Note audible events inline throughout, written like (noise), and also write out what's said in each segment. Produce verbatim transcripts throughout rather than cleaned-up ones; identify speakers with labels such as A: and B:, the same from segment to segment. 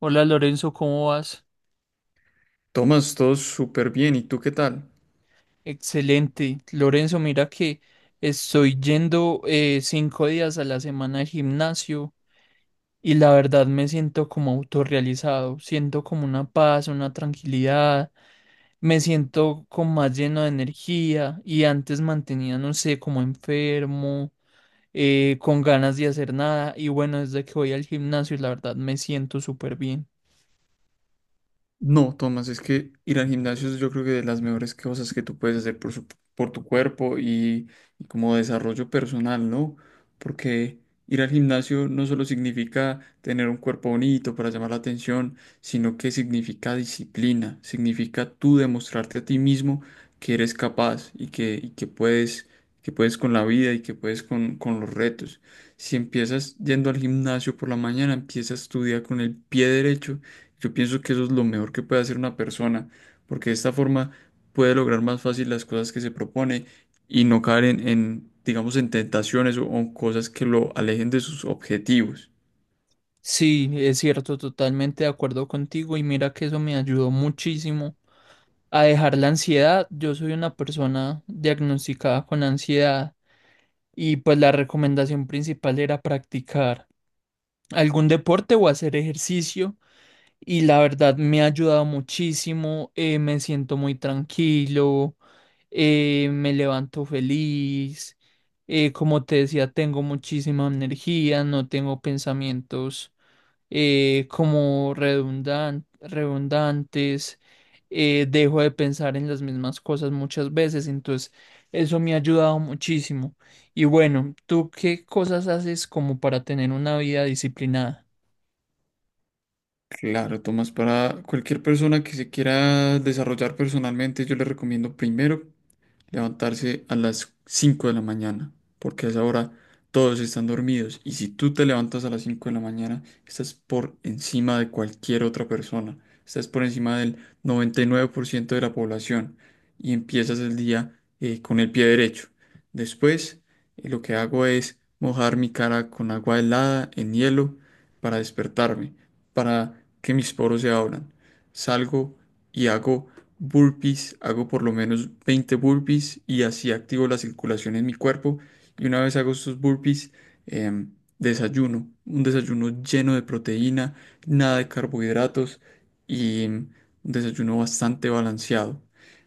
A: Hola Lorenzo, ¿cómo vas?
B: Tomás, todo súper bien. ¿Y tú qué tal?
A: Excelente. Lorenzo, mira que estoy yendo eh, cinco días a la semana al gimnasio y la verdad me siento como autorrealizado, siento como una paz, una tranquilidad, me siento como más lleno de energía y antes mantenía, no sé, como enfermo, eh, con ganas de hacer nada y bueno, desde que voy al gimnasio la verdad me siento súper bien.
B: No, Tomás, es que ir al gimnasio es yo creo que de las mejores cosas que tú puedes hacer por, su- por tu cuerpo y, y como desarrollo personal, ¿no? Porque ir al gimnasio no solo significa tener un cuerpo bonito para llamar la atención, sino que significa disciplina, significa tú demostrarte a ti mismo que eres capaz y que, y que puedes, que puedes con la vida y que puedes con, con los retos. Si empiezas yendo al gimnasio por la mañana, empiezas tu día con el pie derecho. Yo pienso que eso es lo mejor que puede hacer una persona, porque de esta forma puede lograr más fácil las cosas que se propone y no caer en, en, digamos, en tentaciones o, o cosas que lo alejen de sus objetivos.
A: Sí, es cierto, totalmente de acuerdo contigo y mira que eso me ayudó muchísimo a dejar la ansiedad. Yo soy una persona diagnosticada con ansiedad y pues la recomendación principal era practicar algún deporte o hacer ejercicio y la verdad me ha ayudado muchísimo, eh, me siento muy tranquilo, eh, me levanto feliz, eh, como te decía, tengo muchísima energía, no tengo pensamientos eh, como redundan- redundantes, eh, dejo de pensar en las mismas cosas muchas veces, entonces eso me ha ayudado muchísimo. Y bueno, ¿tú qué cosas haces como para tener una vida disciplinada?
B: Claro, Tomás, para cualquier persona que se quiera desarrollar personalmente, yo le recomiendo primero levantarse a las cinco de la mañana, porque a esa hora todos están dormidos y si tú te levantas a las cinco de la mañana, estás por encima de cualquier otra persona, estás por encima del noventa y nueve por ciento de la población y empiezas el día eh, con el pie derecho. Después, eh, lo que hago es mojar mi cara con agua helada en hielo para despertarme, para que mis poros se abran. Salgo y hago burpees, hago por lo menos veinte burpees y así activo la circulación en mi cuerpo. Y una vez hago estos burpees, em, desayuno, un desayuno lleno de proteína, nada de carbohidratos y mm, un desayuno bastante balanceado.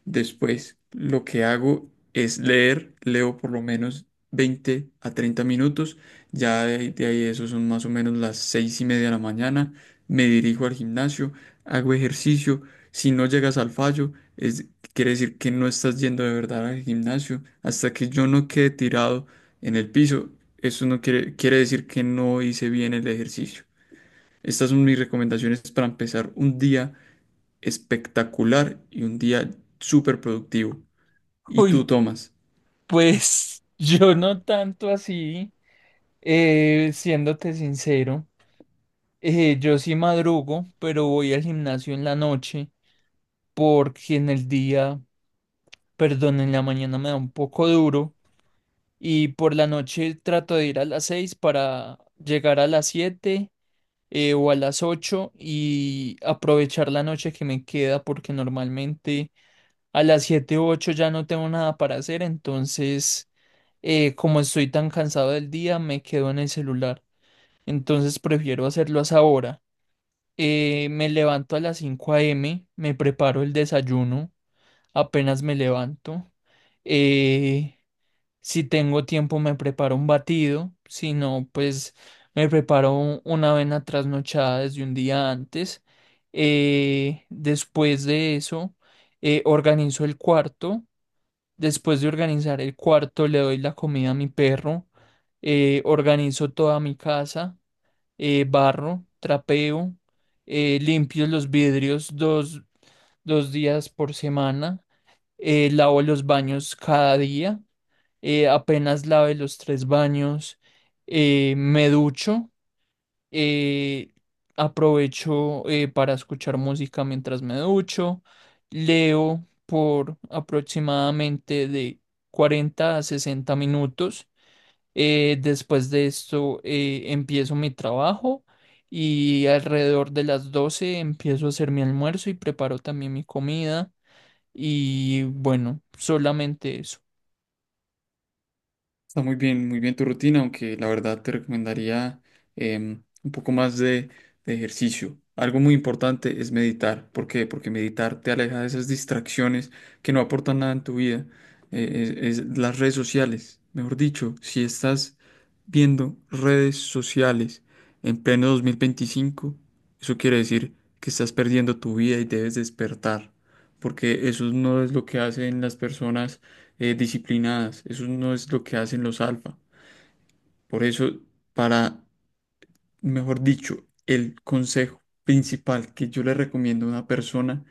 B: Después, lo que hago es leer, leo por lo menos veinte a treinta minutos. Ya de, de ahí eso son más o menos las seis y media de la mañana. Me dirijo al gimnasio, hago ejercicio si no llegas al fallo, es, quiere decir que no estás yendo de verdad al gimnasio. Hasta que yo no quede tirado en el piso, eso no quiere, quiere decir que no hice bien el ejercicio. Estas son mis recomendaciones para empezar un día espectacular y un día súper productivo.
A: (laughs)
B: ¿Y tú,
A: Uy,
B: Tomás?
A: pues yo no tanto así, eh, siéndote sincero, eh, yo sí madrugo, pero voy al gimnasio en la noche porque en el día, perdón, en la mañana me da un poco duro. Y por la noche trato de ir a las seis para llegar a las siete eh, o a las ocho y aprovechar la noche que me queda porque normalmente a las siete u ocho ya no tengo nada para hacer, entonces eh, como estoy tan cansado del día me quedo en el celular, entonces prefiero hacerlo a esa hora. Eh, me levanto a las cinco a m, me preparo el desayuno, apenas me levanto. Eh, si tengo tiempo me preparo un batido, si no, pues me preparo un- una avena trasnochada desde un día antes. Eh, después de eso, eh, organizo el cuarto. Después de organizar el cuarto, le doy la comida a mi perro. Eh, organizo toda mi casa, eh, barro, trapeo, eh, limpio los vidrios dos, dos días por semana, eh, lavo los baños cada día, eh, apenas lave los tres baños, eh, me ducho, eh, aprovecho eh, para escuchar música mientras me ducho, leo por aproximadamente de cuarenta a sesenta minutos. Eh, después de esto eh, empiezo mi trabajo y alrededor de las doce empiezo a hacer mi almuerzo y preparo también mi comida y bueno, solamente eso.
B: Está muy bien, muy bien tu rutina, aunque la verdad te recomendaría em, un poco más de, de ejercicio. Algo muy importante es meditar. ¿Por qué? Porque meditar te aleja de esas distracciones que no aportan nada en tu vida. Eh, es, es las redes sociales. Mejor dicho, si estás viendo redes sociales en pleno dos mil veinticinco, eso quiere decir que estás perdiendo tu vida y debes despertar. Porque eso no es lo que hacen las personas eh, disciplinadas. Eso no es lo que hacen los alfa. Por eso, para, mejor dicho, el consejo principal que yo le recomiendo a una persona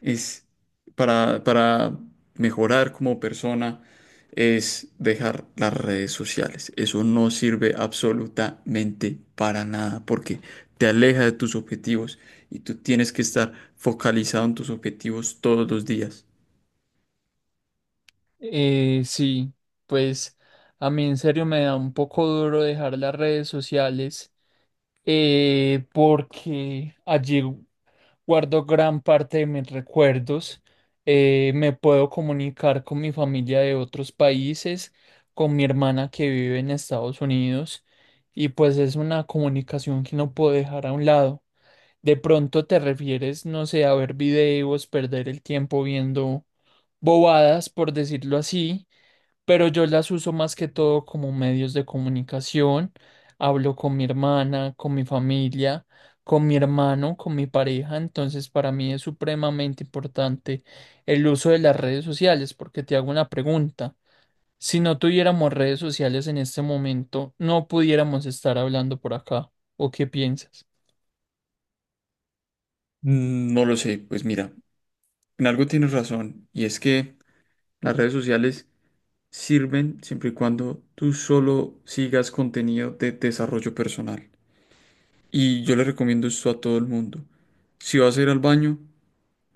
B: es para, para mejorar como persona es dejar las redes sociales. Eso no sirve absolutamente para nada porque te aleja de tus objetivos y tú tienes que estar focalizado en tus objetivos todos los días.
A: Eh, sí, pues a mí en serio me da un poco duro dejar las redes sociales, eh, porque allí guardo gran parte de mis recuerdos. Eh, me puedo comunicar con mi familia de otros países, con mi hermana que vive en Estados Unidos y pues es una comunicación que no puedo dejar a un lado. De pronto te refieres, no sé, a ver videos, perder el tiempo viendo bobadas, por decirlo así, pero yo las uso más que todo como medios de comunicación. Hablo con mi hermana, con mi familia, con mi hermano, con mi pareja. Entonces, para mí es supremamente importante el uso de las redes sociales, porque te hago una pregunta. Si no tuviéramos redes sociales en este momento, no pudiéramos estar hablando por acá. ¿O qué piensas?
B: Mm, No lo sé, pues mira, en algo tienes razón y es que las redes sociales sirven siempre y cuando tú solo sigas contenido de desarrollo personal. Y yo le recomiendo esto a todo el mundo. Si vas a ir al baño,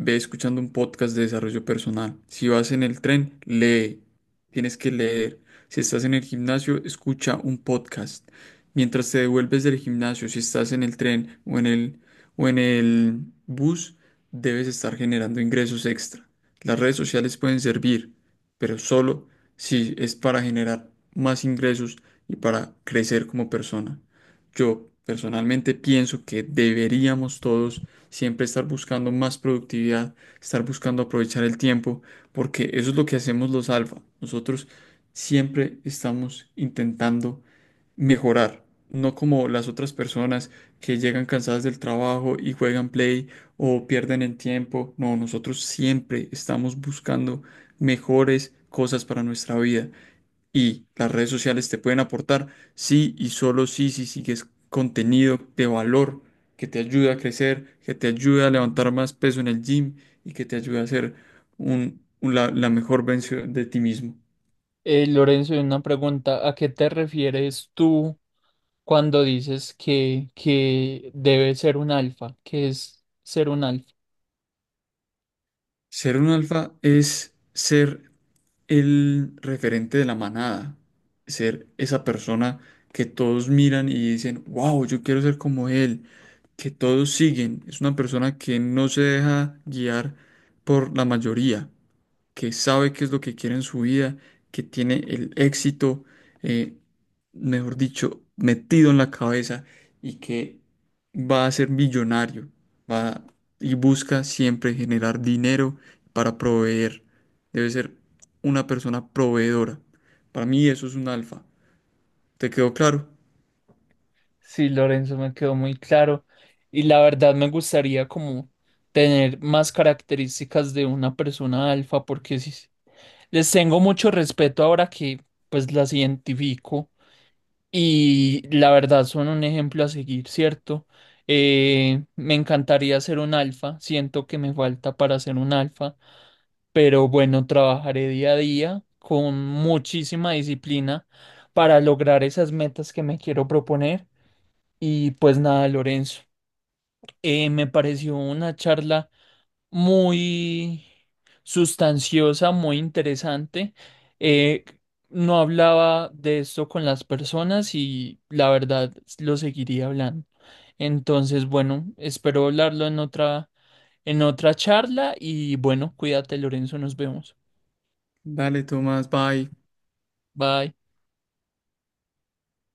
B: ve escuchando un podcast de desarrollo personal. Si vas en el tren, lee. Tienes que leer. Si estás en el gimnasio, escucha un podcast. Mientras te devuelves del gimnasio, si estás en el tren o en el, o en el bus, debes estar generando ingresos extra. Las redes sociales pueden servir, pero solo si es para generar más ingresos y para crecer como persona. Yo personalmente pienso que deberíamos todos siempre estar buscando más productividad, estar buscando aprovechar el tiempo, porque eso es lo que hacemos los alfa. Nosotros siempre estamos intentando mejorar, no como las otras personas que llegan cansadas del trabajo y juegan play o pierden el tiempo. No, nosotros siempre estamos buscando mejores cosas para nuestra vida. Y las redes sociales te pueden aportar sí y solo sí si sigues contenido de valor que te ayuda a crecer, que te ayuda a levantar más peso en el gym y que te ayuda a ser un, un- la, la mejor versión de ti mismo.
A: Eh, Lorenzo, una pregunta. ¿A qué te refieres tú cuando dices que, que debe ser un alfa? ¿Qué es ser un alfa?
B: Ser un alfa es ser el referente de la manada, ser esa persona que todos miran y dicen, wow, yo quiero ser como él, que todos siguen. Es una persona que no se deja guiar por la mayoría, que sabe qué es lo que quiere en su vida, que tiene el éxito, eh, mejor dicho, metido en la cabeza y que va a ser millonario, va y busca siempre generar dinero para proveer. Debe ser una persona proveedora. Para mí eso es un alfa. ¿Te quedó claro?
A: Sí, Lorenzo, me quedó muy claro. Y la verdad me gustaría como tener más características de una persona alfa, porque sí, sí, les tengo mucho respeto ahora que pues las identifico y la verdad son un ejemplo a seguir, ¿cierto? Eh, me encantaría ser un alfa, siento que me falta para ser un alfa, pero bueno, trabajaré día a día con muchísima disciplina para lograr esas metas que me quiero proponer. Y pues nada, Lorenzo, eh, me pareció una charla muy sustanciosa, muy interesante. Eh, no hablaba de esto con las personas y la verdad lo seguiría hablando. Entonces, bueno, espero hablarlo en otra, en otra charla y bueno, cuídate, Lorenzo, nos vemos.
B: Dale, Tomás, bye.
A: Bye.